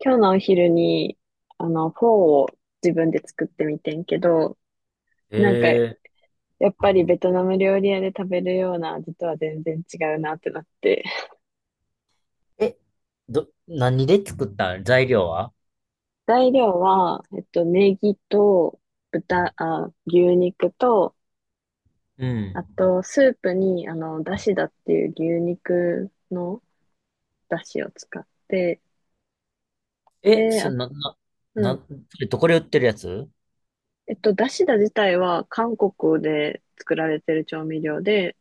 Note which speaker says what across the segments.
Speaker 1: 今日のお昼に、フォーを自分で作ってみてんけど、なんか、
Speaker 2: え
Speaker 1: やっぱりベトナム料理屋で食べるような味とは全然違うなってなって。
Speaker 2: ええ、ど、何で作ったん、材料は？
Speaker 1: 材料は、ネギと牛肉と、
Speaker 2: うん。
Speaker 1: あと、スープに、だしだっていう牛肉のだしを使って、
Speaker 2: え、
Speaker 1: で、
Speaker 2: そ
Speaker 1: あ、
Speaker 2: んな、な、
Speaker 1: うん。
Speaker 2: な、それどこで売ってるやつ？
Speaker 1: だしだ自体は韓国で作られてる調味料で、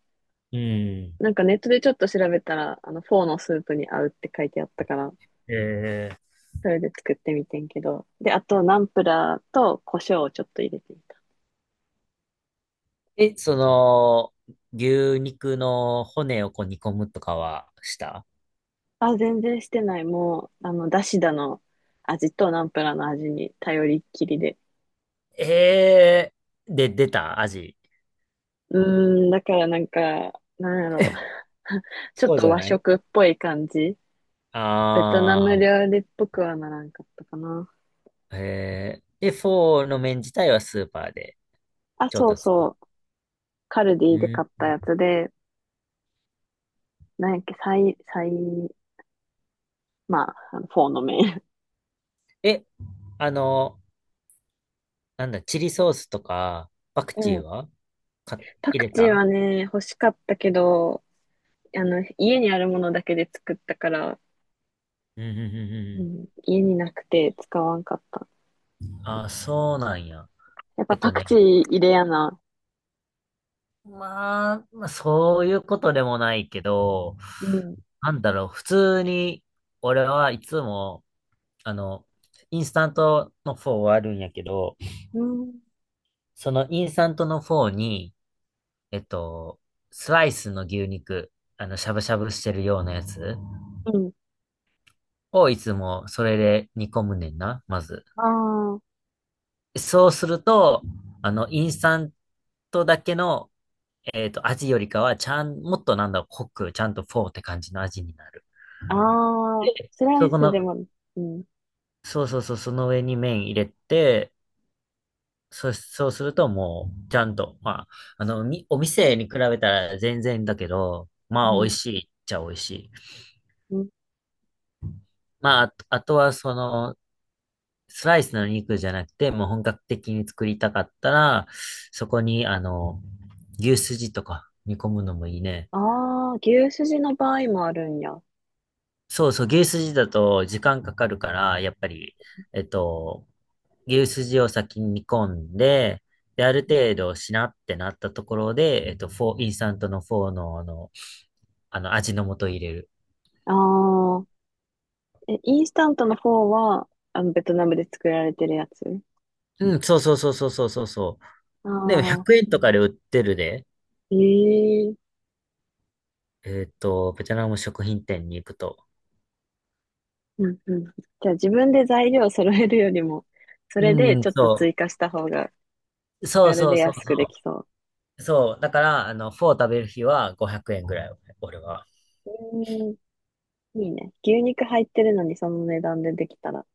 Speaker 2: うん。
Speaker 1: なんかネットでちょっと調べたら、フォーのスープに合うって書いてあったから、
Speaker 2: え
Speaker 1: それで作ってみてんけど。で、あと、ナンプラーと胡椒をちょっと入れてみた。
Speaker 2: ええ、その、牛肉の骨をこう煮込むとかはした？
Speaker 1: あ、全然してない。もう、だしだの味とナンプラーの味に頼りっきりで。
Speaker 2: ええ。で、出た味？
Speaker 1: うーん、だからなんか、なんやろう。ちょっ
Speaker 2: そうじ
Speaker 1: と
Speaker 2: ゃ
Speaker 1: 和
Speaker 2: ない？
Speaker 1: 食っぽい感じ。ベトナム
Speaker 2: ああ
Speaker 1: 料理っぽくはならんかったかな。
Speaker 2: ー、ええ。で、フォーの麺自体はスーパーで
Speaker 1: あ、
Speaker 2: 調
Speaker 1: そう
Speaker 2: 達する？
Speaker 1: そう。カルデ
Speaker 2: う
Speaker 1: ィで買っ
Speaker 2: ん。
Speaker 1: たやつで、なんやっけ、サイ、サイ、まあ、あのフォーの麺。
Speaker 2: え、あの、なんだ、チリソースとか、パク
Speaker 1: う
Speaker 2: チー
Speaker 1: ん。
Speaker 2: は買
Speaker 1: パ
Speaker 2: 入
Speaker 1: ク
Speaker 2: れ
Speaker 1: チ
Speaker 2: た
Speaker 1: ーはね、欲しかったけど、家にあるものだけで作ったから、
Speaker 2: うんうん
Speaker 1: う
Speaker 2: う
Speaker 1: ん、家になくて使わんかった。
Speaker 2: んうん。あ、そうなんや。
Speaker 1: やっ
Speaker 2: え
Speaker 1: ぱ
Speaker 2: っと
Speaker 1: パク
Speaker 2: ね、
Speaker 1: チー入れやな。
Speaker 2: まあ、まあ、そういうことでもないけど、
Speaker 1: うん。
Speaker 2: なんだろう、普通に、俺はいつも、あの、インスタントのフォーはあるんやけど、
Speaker 1: うん。
Speaker 2: そのインスタントのフォーに、えっと、スライスの牛肉、あの、しゃぶしゃぶしてるようなやつ
Speaker 1: うん。
Speaker 2: をいつもそれで煮込むねんな、まず。
Speaker 1: あ
Speaker 2: そうすると、あの、インスタントだけの、味よりかは、ちゃん、もっとなんだろう、濃く、ちゃんとフォーって感じの味になる。
Speaker 1: あ、ああ、
Speaker 2: で
Speaker 1: スラ
Speaker 2: そ
Speaker 1: イ
Speaker 2: こ
Speaker 1: スで
Speaker 2: の、
Speaker 1: も、うん。
Speaker 2: そうそうそう、その上に麺入れて、そうするともう、ちゃんと、まあ、お店に比べたら全然だけど、まあ、
Speaker 1: う
Speaker 2: 美味
Speaker 1: ん。
Speaker 2: しいっちゃ美味しい。
Speaker 1: うん。
Speaker 2: まあ、あとはその、スライスの肉じゃなくて、もう本格的に作りたかったら、そこに、あの、牛すじとか煮込むのもいいね。
Speaker 1: ああ、牛すじの場合もあるんや。あ
Speaker 2: そうそう、牛すじだと時間かかるから、やっぱり、えっと、牛すじを先に煮込んで、で、ある程度しなってなったところで、えっと、フォー、インスタントのフォーの、あの味の素入れる。
Speaker 1: あ、え、インスタントの方は、ベトナムで作られてるやつ？
Speaker 2: うん、そうそうそうそうそうそうそ
Speaker 1: あ
Speaker 2: う。でも
Speaker 1: あ、
Speaker 2: 100円とかで売ってるで、
Speaker 1: ええ。
Speaker 2: ベトナム食品店に行くと。
Speaker 1: うんうん。じゃあ自分で材料揃えるよりも、それで
Speaker 2: う
Speaker 1: ち
Speaker 2: ん、
Speaker 1: ょっと
Speaker 2: そ
Speaker 1: 追加した方が
Speaker 2: う。
Speaker 1: 手
Speaker 2: そう
Speaker 1: 軽
Speaker 2: そ
Speaker 1: で
Speaker 2: うそう
Speaker 1: 安くで
Speaker 2: そ
Speaker 1: きそう。
Speaker 2: う。そう。だから、あの、フォー食べる日は500円ぐらい、俺は。
Speaker 1: うーん、いいね。牛肉入ってるのにその値段でできたら、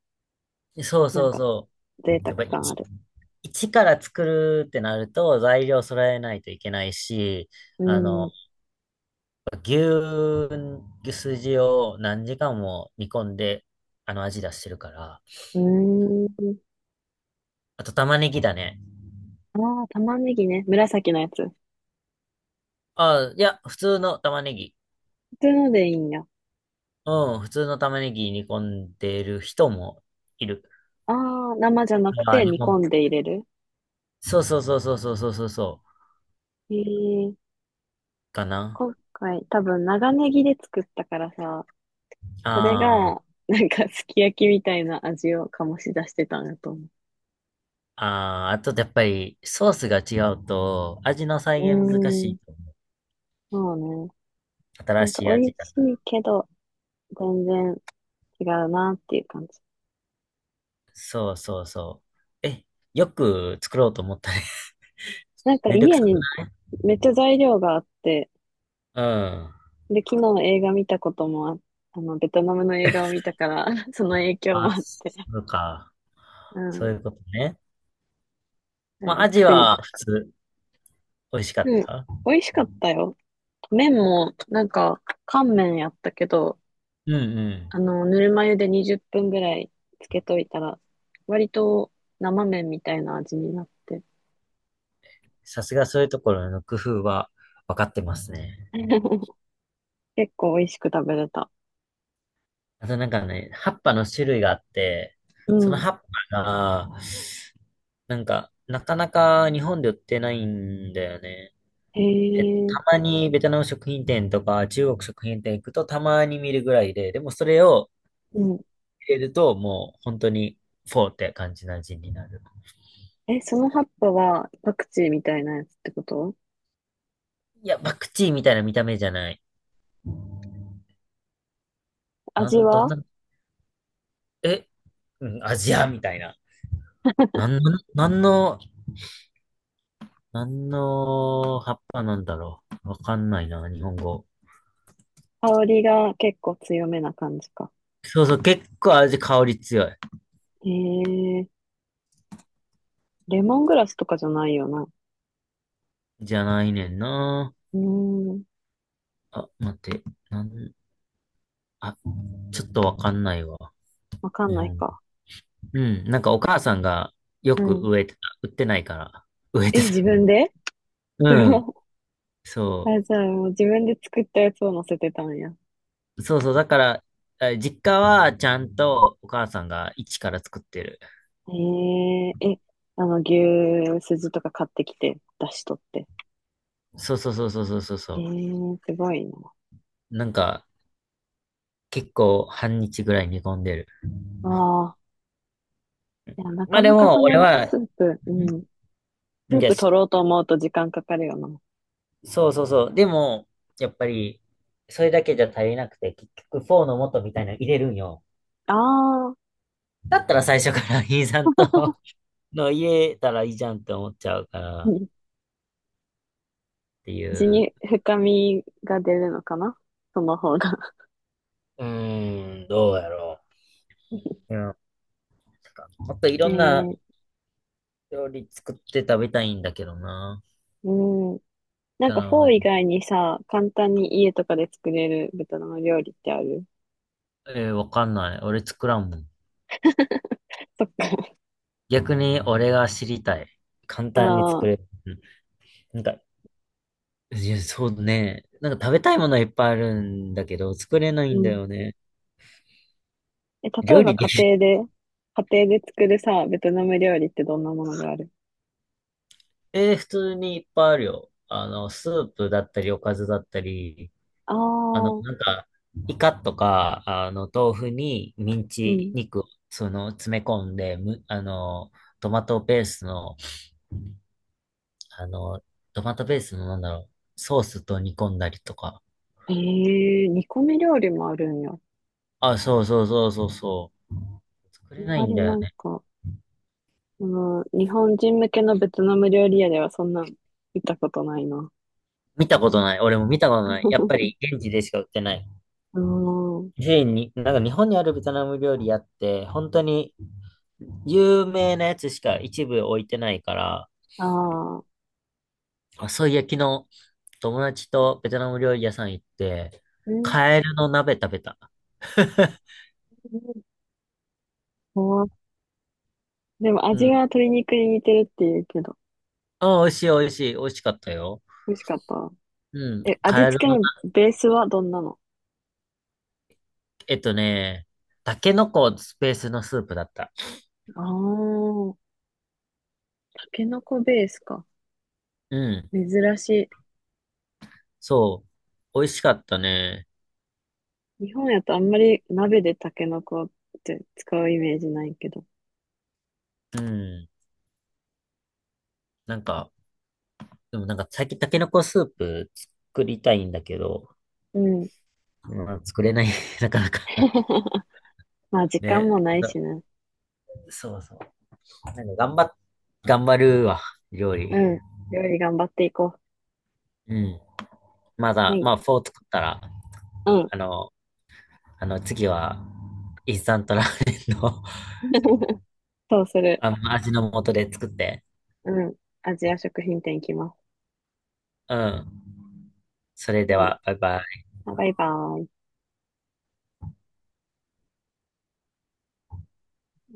Speaker 2: そう
Speaker 1: なん
Speaker 2: そう
Speaker 1: か
Speaker 2: そう。
Speaker 1: 贅沢
Speaker 2: やっぱり
Speaker 1: 感ある。
Speaker 2: 一から作るってなると材料揃えないといけないし、
Speaker 1: うー
Speaker 2: あ
Speaker 1: ん、
Speaker 2: の、
Speaker 1: う
Speaker 2: 牛、牛すじを何時間も煮込んで、あの味出してるから。
Speaker 1: ーん。
Speaker 2: あと玉ねぎだね。
Speaker 1: ああ、玉ねぎね。紫のやつ。普
Speaker 2: あいや、普通の玉ねぎ。
Speaker 1: 通のでいいんや。
Speaker 2: うん、普通の玉ねぎ煮込んでる人もいる。
Speaker 1: ああ、生じゃなく
Speaker 2: あ
Speaker 1: て
Speaker 2: で
Speaker 1: 煮込
Speaker 2: も、
Speaker 1: んで入れる。
Speaker 2: そうそうそうそうそうそうそうそう、
Speaker 1: えー、
Speaker 2: かな。
Speaker 1: 今回多分長ネギで作ったからさ、それ
Speaker 2: あーあ
Speaker 1: が、なんかすき焼きみたいな味を醸し出してたんだと思う。
Speaker 2: ー、ああ、とやっぱりソースが違うと味の
Speaker 1: う
Speaker 2: 再現難し
Speaker 1: ーん、
Speaker 2: い。
Speaker 1: そうね。な
Speaker 2: 新
Speaker 1: んか
Speaker 2: しい
Speaker 1: 美味
Speaker 2: 味。
Speaker 1: しいけど、全然違うなっていう感じ。
Speaker 2: そうそうそう。え、よく作ろうと思ったね。
Speaker 1: なんか
Speaker 2: めんどく
Speaker 1: 家
Speaker 2: さく
Speaker 1: に
Speaker 2: ない？
Speaker 1: めっちゃ材料があって、
Speaker 2: うん。
Speaker 1: で、昨日映画見たこともあ、ベトナムの映画を見たから その影響
Speaker 2: あ、
Speaker 1: もあって、
Speaker 2: そうか。
Speaker 1: う
Speaker 2: そ
Speaker 1: ん、
Speaker 2: ういうことね。
Speaker 1: そ
Speaker 2: ま
Speaker 1: れで
Speaker 2: あ、アジ
Speaker 1: 作り
Speaker 2: は普
Speaker 1: た。
Speaker 2: 通、美味しかっ
Speaker 1: うん、
Speaker 2: た？
Speaker 1: 美味しかったよ。麺も、なんか、乾麺やったけど、
Speaker 2: うんうん。
Speaker 1: ぬるま湯で20分ぐらいつけといたら、割と生麺みたいな味になって、
Speaker 2: さすがそういうところの工夫は分かってますね。
Speaker 1: 結構美味しく食べれた。
Speaker 2: あとなんかね、葉っぱの種類があって、
Speaker 1: う
Speaker 2: その
Speaker 1: ん。
Speaker 2: 葉っぱが、なんか、なかなか日本で売ってないんだよね。
Speaker 1: へ
Speaker 2: た
Speaker 1: え、
Speaker 2: まにベトナム食品店とか中国食品店行くとたまに見るぐらいで、でもそれを
Speaker 1: うん。
Speaker 2: 入れると、もう本当にフォーって感じな味になる。
Speaker 1: え、その葉っぱはパクチーみたいなやつってこと？
Speaker 2: いや、パクチーみたいな見た目じゃない。な
Speaker 1: 味
Speaker 2: ん、どん
Speaker 1: は？
Speaker 2: な、え、うん、アジアみたいな。なん、なんの、なんの葉っぱなんだろう。わかんないな、日本語。
Speaker 1: 香りが結構強めな感じか。
Speaker 2: そうそう、結構味、香り強い。
Speaker 1: へえ、レモングラスとかじゃないよな。
Speaker 2: じゃないねんな。
Speaker 1: うーん、
Speaker 2: あ、待って、なん、あ、ちょっとわかんないわ。
Speaker 1: わかん
Speaker 2: 日
Speaker 1: ない
Speaker 2: 本。
Speaker 1: か。
Speaker 2: うん、なんかお母さんがよ
Speaker 1: う
Speaker 2: く
Speaker 1: ん。
Speaker 2: 植えてた。売ってないから。植えて
Speaker 1: え、
Speaker 2: た。
Speaker 1: 自分で？ す
Speaker 2: うん、
Speaker 1: ごい。
Speaker 2: そう。
Speaker 1: あ、じゃあもう自分で作ったやつを乗せてたんや。
Speaker 2: そうそう、だから、え実家はちゃんとお母さんが一から作ってる。
Speaker 1: へえ、え、牛すじとか買ってきて、出しとって。
Speaker 2: そうそうそうそうそうそう
Speaker 1: へ
Speaker 2: そ
Speaker 1: え、すごいな。
Speaker 2: う。なんか、結構半日ぐらい煮込んでる。
Speaker 1: ああ、いや、な
Speaker 2: ま
Speaker 1: か
Speaker 2: あで
Speaker 1: なかそ
Speaker 2: も、俺
Speaker 1: の
Speaker 2: は、
Speaker 1: ス
Speaker 2: ん
Speaker 1: ープ、うん。ス
Speaker 2: い
Speaker 1: ー
Speaker 2: や、
Speaker 1: プ取
Speaker 2: し
Speaker 1: ろうと思うと時間かかるよな。
Speaker 2: そうそうそう。でも、やっぱり、それだけじゃ足りなくて、結局、フォーの素みたいなの入れるんよ。
Speaker 1: ああ、
Speaker 2: だったら最初から イーさんと の入れたらいいじゃんって思っちゃうから
Speaker 1: う
Speaker 2: っ
Speaker 1: ん。
Speaker 2: てい
Speaker 1: 地
Speaker 2: う。
Speaker 1: に深みが出るのかなその方が。
Speaker 2: うーん、どうやろう。うん、なんかもっとい
Speaker 1: え
Speaker 2: ろんな
Speaker 1: ー、
Speaker 2: 料理作って食べたいんだけどな。
Speaker 1: うん。なん
Speaker 2: あ
Speaker 1: かフォー
Speaker 2: の
Speaker 1: 以外にさ、簡単に家とかで作れるベトナム料理ってある？
Speaker 2: えーわかんない。俺作らんもん。
Speaker 1: そっか。
Speaker 2: 逆に俺が知りたい。簡単に
Speaker 1: あ
Speaker 2: 作
Speaker 1: あ、
Speaker 2: れる。なん、か、いや、そうね。なんか食べたいものはいっぱいあるんだけど、作れない
Speaker 1: う
Speaker 2: んだ
Speaker 1: ん。
Speaker 2: よね。
Speaker 1: え、例え
Speaker 2: 料
Speaker 1: ば
Speaker 2: 理できる。
Speaker 1: 家庭で作るさ、ベトナム料理ってどんなものがある？
Speaker 2: えー普通にいっぱいあるよ。あの、スープだったり、おかずだったり、
Speaker 1: ああ
Speaker 2: あの、
Speaker 1: ー、
Speaker 2: なんか、イカとか、あの、豆腐にミン
Speaker 1: う
Speaker 2: チ
Speaker 1: ん。
Speaker 2: 肉を、詰め込んで、む、あの、トマトペーストのあの、トマトベースのなんだろう、ソースと煮込んだりとか。
Speaker 1: ええー、煮込み料理もあるんや。あ
Speaker 2: あ、そうそうそうそうそう。作
Speaker 1: ん
Speaker 2: れない
Speaker 1: ま
Speaker 2: ん
Speaker 1: り
Speaker 2: だ
Speaker 1: な
Speaker 2: よ
Speaker 1: ん
Speaker 2: ね。
Speaker 1: か、日本人向けのベトナム料理屋ではそんなん見たことないな。
Speaker 2: 見たことない。俺も見たことない。やっぱ り現地でしか売ってない。
Speaker 1: うん。
Speaker 2: スに、なんか日本にあるベトナム料理屋って、本当に有名なやつしか一部置いてないから、
Speaker 1: ああ。
Speaker 2: あ、そういや、昨日友達とベトナム料理屋さん行って、
Speaker 1: えー、
Speaker 2: カエルの鍋食べた。
Speaker 1: 怖っ。でも
Speaker 2: う
Speaker 1: 味は
Speaker 2: ん。
Speaker 1: 鶏肉に似てるって言うけど、
Speaker 2: あ、美味しい美味しい。美味しかったよ。
Speaker 1: 美味しかった？
Speaker 2: うん。
Speaker 1: え、味
Speaker 2: カエ
Speaker 1: 付
Speaker 2: ル
Speaker 1: け
Speaker 2: の、
Speaker 1: のベースはどんなの？
Speaker 2: えっとね、タケノコスペースのスープだった。
Speaker 1: ああ、タケノコベースか。
Speaker 2: うん。
Speaker 1: 珍し
Speaker 2: そう。美味しかったね。
Speaker 1: い。日本やとあんまり鍋でタケノコって使うイメージないけど。
Speaker 2: うん。なんか、でもなんか最近タケノコスープ作りたいんだけど、
Speaker 1: うん。
Speaker 2: まあ、作れない、なかなか。
Speaker 1: まあ時間
Speaker 2: ね。
Speaker 1: もないしね。
Speaker 2: そうそう。なんか頑張っ、頑張るわ、料理。
Speaker 1: うん。料理頑張っていこ
Speaker 2: うん。ま
Speaker 1: う。は
Speaker 2: だ、
Speaker 1: い。
Speaker 2: まあ、フォー作ったら、
Speaker 1: うん。
Speaker 2: あの、次は、インスタントラーメンの
Speaker 1: そうす る。
Speaker 2: あの味の素で作って。
Speaker 1: うん。アジア食品店行きます。
Speaker 2: うん。それで
Speaker 1: はい。
Speaker 2: は、バイバイ。
Speaker 1: あバイバイ。